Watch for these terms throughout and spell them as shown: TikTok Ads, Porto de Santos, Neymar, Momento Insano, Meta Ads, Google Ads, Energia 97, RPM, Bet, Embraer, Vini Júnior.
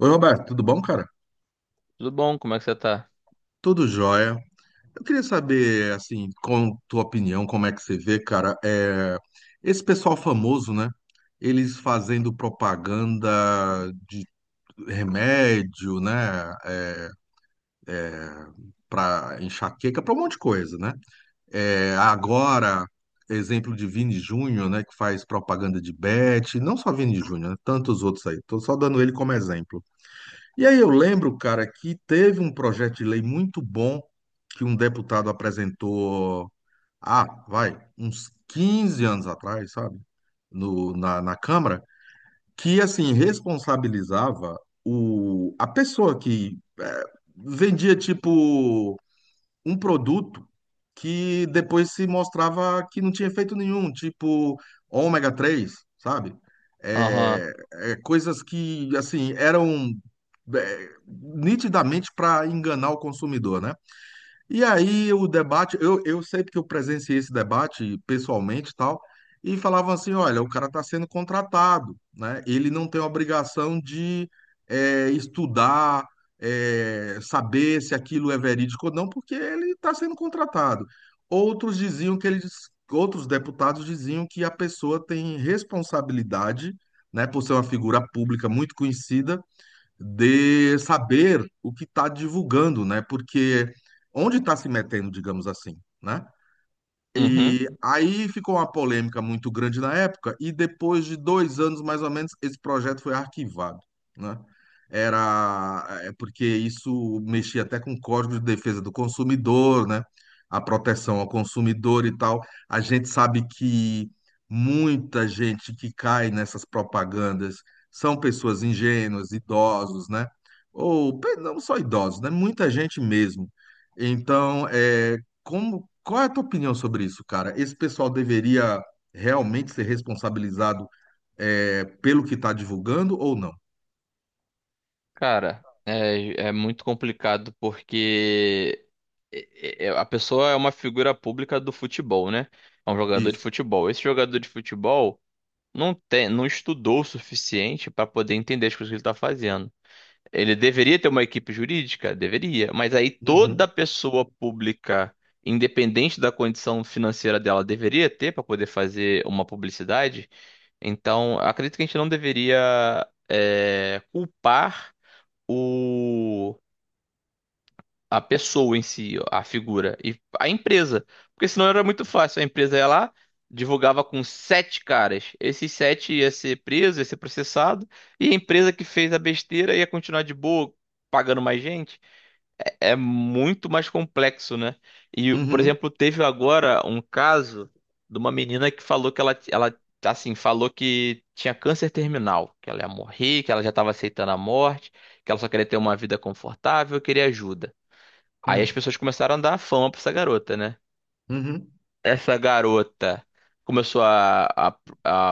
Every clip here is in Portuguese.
Oi, Roberto, tudo bom, cara? Tudo bom? Como é que você tá? Tudo jóia. Eu queria saber, assim, com tua opinião, como é que você vê, cara, esse pessoal famoso, né? Eles fazendo propaganda de remédio, né? É, para enxaqueca, para um monte de coisa, né? Agora, exemplo de Vini Júnior, né? Que faz propaganda de Bet, não só Vini Júnior, né? Tantos outros aí. Tô só dando ele como exemplo. E aí eu lembro, cara, que teve um projeto de lei muito bom que um deputado apresentou, vai, uns 15 anos atrás, sabe? No, na, na Câmara, que assim responsabilizava a pessoa que vendia tipo um produto que depois se mostrava que não tinha efeito nenhum, tipo ômega 3, sabe? Aham. É, coisas que, assim, eram nitidamente para enganar o consumidor, né? E aí o debate, eu sei porque eu presenciei esse debate pessoalmente e tal, e falavam assim, olha, o cara está sendo contratado, né? Ele não tem obrigação de estudar, saber se aquilo é verídico ou não, porque ele está sendo contratado. Outros diziam que eles, outros deputados diziam que a pessoa tem responsabilidade, né, por ser uma figura pública muito conhecida de saber o que está divulgando, né? Porque onde está se metendo, digamos assim, né? Uhum. E aí ficou uma polêmica muito grande na época, e depois de 2 anos, mais ou menos, esse projeto foi arquivado, né? Era porque isso mexia até com o Código de Defesa do Consumidor, né? A proteção ao consumidor e tal. A gente sabe que muita gente que cai nessas propagandas são pessoas ingênuas, idosos, né? Ou pe- não só idosos, né? Muita gente mesmo. Então, como, qual é a tua opinião sobre isso, cara? Esse pessoal deveria realmente ser responsabilizado pelo que está divulgando ou não? Cara, é, muito complicado porque a pessoa é uma figura pública do futebol, né? É um jogador de Isso. futebol. Esse jogador de futebol não tem, não estudou o suficiente para poder entender as coisas que ele tá fazendo. Ele deveria ter uma equipe jurídica? Deveria. Mas aí Uhum, toda pessoa pública, independente da condição financeira dela, deveria ter para poder fazer uma publicidade? Então, eu acredito que a gente não deveria culpar o, a pessoa em si, a figura, e a empresa. Porque senão era muito fácil. A empresa ia lá, divulgava com sete caras. Esses sete ia ser preso, ia ser processado, e a empresa que fez a besteira ia continuar de boa, pagando mais gente. É muito mais complexo, né? E, por uhum, exemplo, teve agora um caso de uma menina que falou que ela assim, falou que tinha câncer terminal, que ela ia morrer, que ela já estava aceitando a morte, que ela só queria ter uma vida confortável, queria ajuda. Aí as uhum, pessoas começaram a dar fama pra essa garota, né? uhum. Essa garota começou a,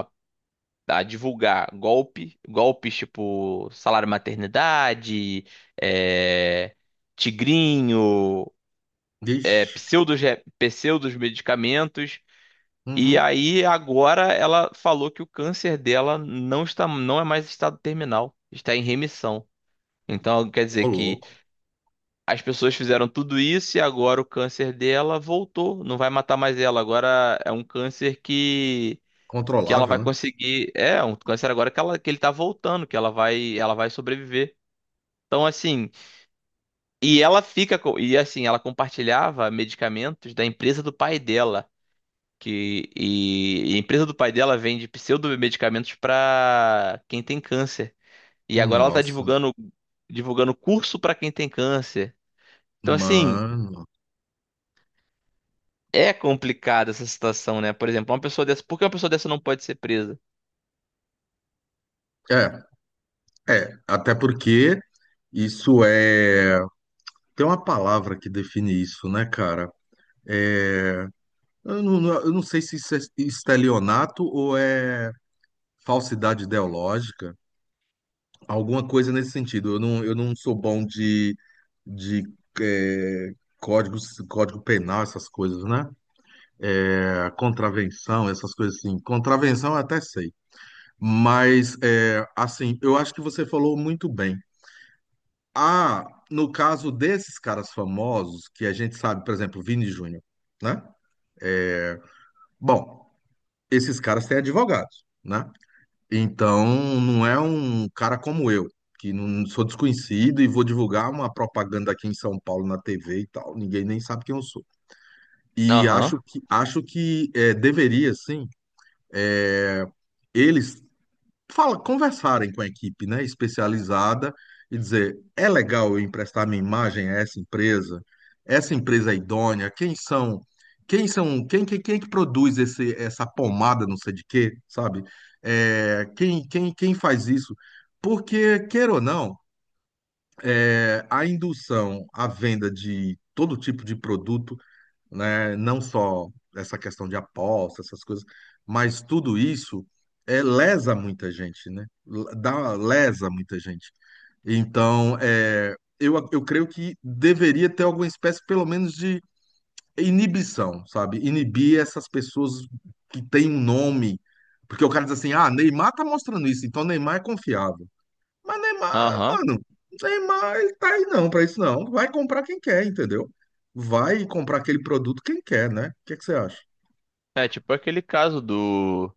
a, a divulgar golpe, golpes tipo salário maternidade, é, tigrinho, Ixi, pseudos, pseudos medicamentos. E uhum. aí agora ela falou que o câncer dela não está, não é mais estado terminal, está em remissão. Então quer Ô, dizer que louco. as pessoas fizeram tudo isso e agora o câncer dela voltou, não vai matar mais ela. Agora é um câncer que ela Controlável, vai né? conseguir, é um câncer agora que ela que ele tá voltando, que ela vai sobreviver. Então assim, e assim, ela compartilhava medicamentos da empresa do pai dela. E a empresa do pai dela vende pseudomedicamentos para quem tem câncer. E agora ela tá Nossa, divulgando, divulgando curso para quem tem câncer. Então, assim, mano. é complicada essa situação, né? Por exemplo, uma pessoa dessa. Por que uma pessoa dessa não pode ser presa? É, é. Até porque isso é. Tem uma palavra que define isso, né, cara? É, eu não sei se isso é estelionato ou é falsidade ideológica. Alguma coisa nesse sentido. Eu não sou bom de códigos, código penal, essas coisas, né? Contravenção, essas coisas assim. Contravenção eu até sei. Mas, assim, eu acho que você falou muito bem. Ah, no caso desses caras famosos, que a gente sabe, por exemplo, Vini Júnior, né? Bom, esses caras têm advogados, né? Então, não é um cara como eu, que não sou desconhecido e vou divulgar uma propaganda aqui em São Paulo na TV e tal. Ninguém nem sabe quem eu sou. E Aham, acho que deveria, sim, é, eles conversarem com a equipe, né, especializada e dizer, é legal eu emprestar minha imagem a essa empresa? Essa empresa é idônea? Quem são? Quem são? Quem é que produz essa pomada, não sei de quê, sabe? Quem faz isso? Porque, queira ou não, a indução à venda de todo tipo de produto né? Não só essa questão de aposta, essas coisas, mas tudo isso lesa muita gente, né? L- Dá, lesa muita gente. Então, eu creio que deveria ter alguma espécie, pelo menos, de inibição, sabe? Inibir essas pessoas que têm um nome. Porque o cara diz assim, ah, Neymar tá mostrando isso, então Neymar é confiável. Mas Neymar, aham. mano, Neymar ele tá aí não pra isso não. Vai comprar quem quer, entendeu? Vai comprar aquele produto quem quer, né? O que que você acha? É tipo aquele caso do.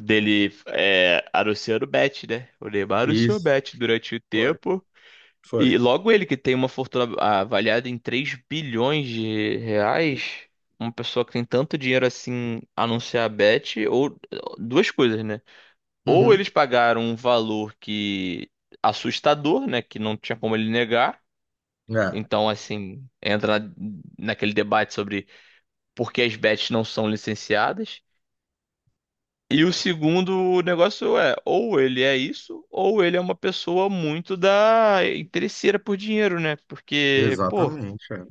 Dele anunciando bet, né? O Neymar anunciou Isso, bet durante o foi, tempo. foi. E logo ele que tem uma fortuna avaliada em R$ 3 bilhões, uma pessoa que tem tanto dinheiro assim anunciar a bet, ou duas coisas, né? Ou Uhum. eles pagaram um valor que assustador, né, que não tinha como ele negar. É, Então, assim, naquele debate sobre por que as bets não são licenciadas. E o segundo negócio é, ou ele é isso, ou ele é uma pessoa muito da interesseira por dinheiro, né? Porque, pô, exatamente, é.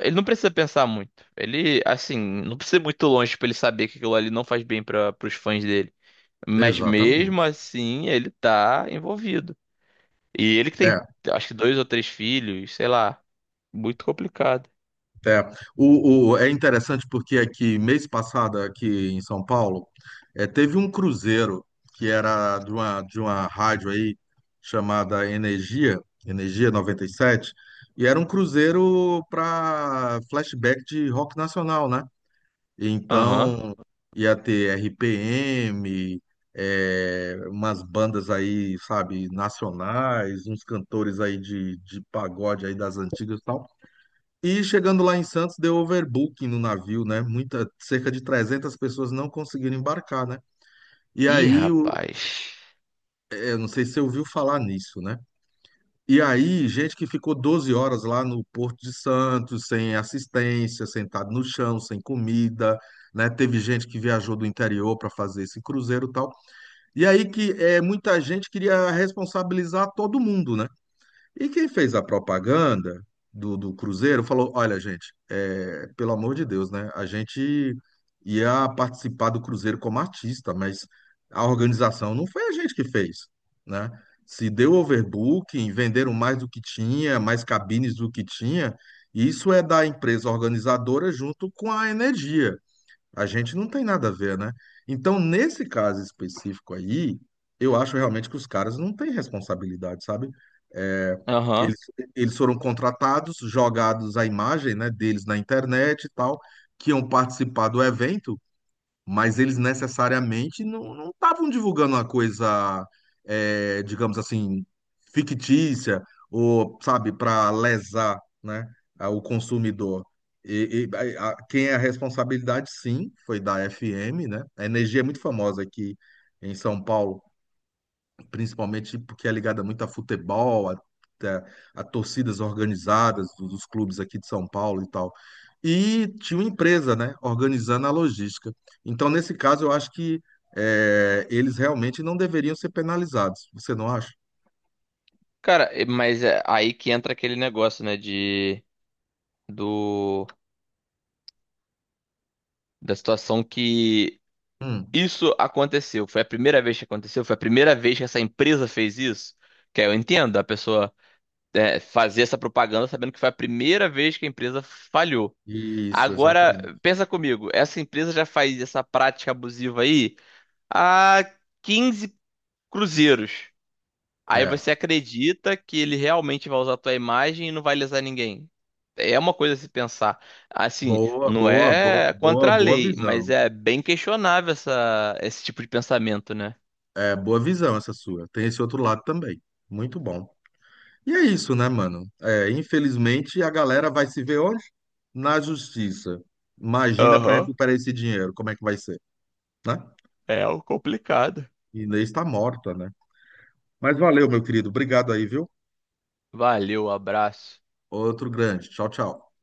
ele não precisa pensar muito. Ele, assim, não precisa ir muito longe pra ele saber que aquilo ali não faz bem para os fãs dele. Mas mesmo Exatamente. assim, ele tá envolvido. E ele que É. tem, acho que dois ou três filhos, sei lá. Muito complicado. É, é interessante porque aqui, mês passado, aqui em São Paulo, teve um cruzeiro que era de uma rádio aí chamada Energia, Energia 97, e sete, e era um cruzeiro para flashback de rock nacional, né? Aham. Então, ia ter RPM, umas bandas aí, sabe, nacionais, uns cantores aí de pagode aí das antigas e tal. E chegando lá em Santos, deu overbooking no navio, né? Muita, cerca de 300 pessoas não conseguiram embarcar, né? E Ih, aí, rapaz. Eu não sei se você ouviu falar nisso, né? E aí, gente que ficou 12 horas lá no Porto de Santos, sem assistência, sentado no chão, sem comida, né? Teve gente que viajou do interior para fazer esse cruzeiro e tal. E aí que é, muita gente queria responsabilizar todo mundo, né? E quem fez a propaganda do Cruzeiro falou: olha, gente, pelo amor de Deus, né? A gente ia participar do Cruzeiro como artista, mas a organização não foi a gente que fez, né? Se deu overbooking, venderam mais do que tinha, mais cabines do que tinha, isso é da empresa organizadora junto com a energia. A gente não tem nada a ver, né? Então, nesse caso específico aí, eu acho realmente que os caras não têm responsabilidade, sabe? É, Aham. eles, eles foram contratados, jogados a imagem, né, deles na internet e tal, que iam participar do evento, mas eles necessariamente não estavam divulgando uma coisa, digamos assim, fictícia, ou, sabe, para lesar, né, a- o consumidor. E quem é a responsabilidade, sim, foi da FM, né? A Energia é muito famosa aqui em São Paulo principalmente porque é ligada muito a futebol, a- a torcidas organizadas dos clubes aqui de São Paulo e tal. E tinha uma empresa, né, organizando a logística. Então, nesse caso, eu acho que eles realmente não deveriam ser penalizados. Você não acha? Cara, mas é aí que entra aquele negócio, né, de do da situação que Hum, isso aconteceu. Foi a primeira vez que aconteceu, foi a primeira vez que essa empresa fez isso. Que aí eu entendo, a pessoa fazer essa propaganda sabendo que foi a primeira vez que a empresa falhou. isso, Agora, exatamente. pensa comigo, essa empresa já faz essa prática abusiva aí há 15 cruzeiros. Aí É. você acredita que ele realmente vai usar a tua imagem e não vai lesar ninguém. É uma coisa a se pensar. Assim, Boa, não boa, boa, é boa, contra a boa lei, mas visão. é bem questionável essa, esse tipo de pensamento, né? É, boa visão essa sua. Tem esse outro lado também. Muito bom. E é isso, né, mano? Infelizmente a galera vai se ver onde? Na justiça. Imagina para Aham, recuperar esse dinheiro, como é que vai ser, né? é o complicado. Inês está morta, né? Mas valeu, meu querido. Obrigado aí, viu? Valeu, abraço. Outro grande. Tchau, tchau.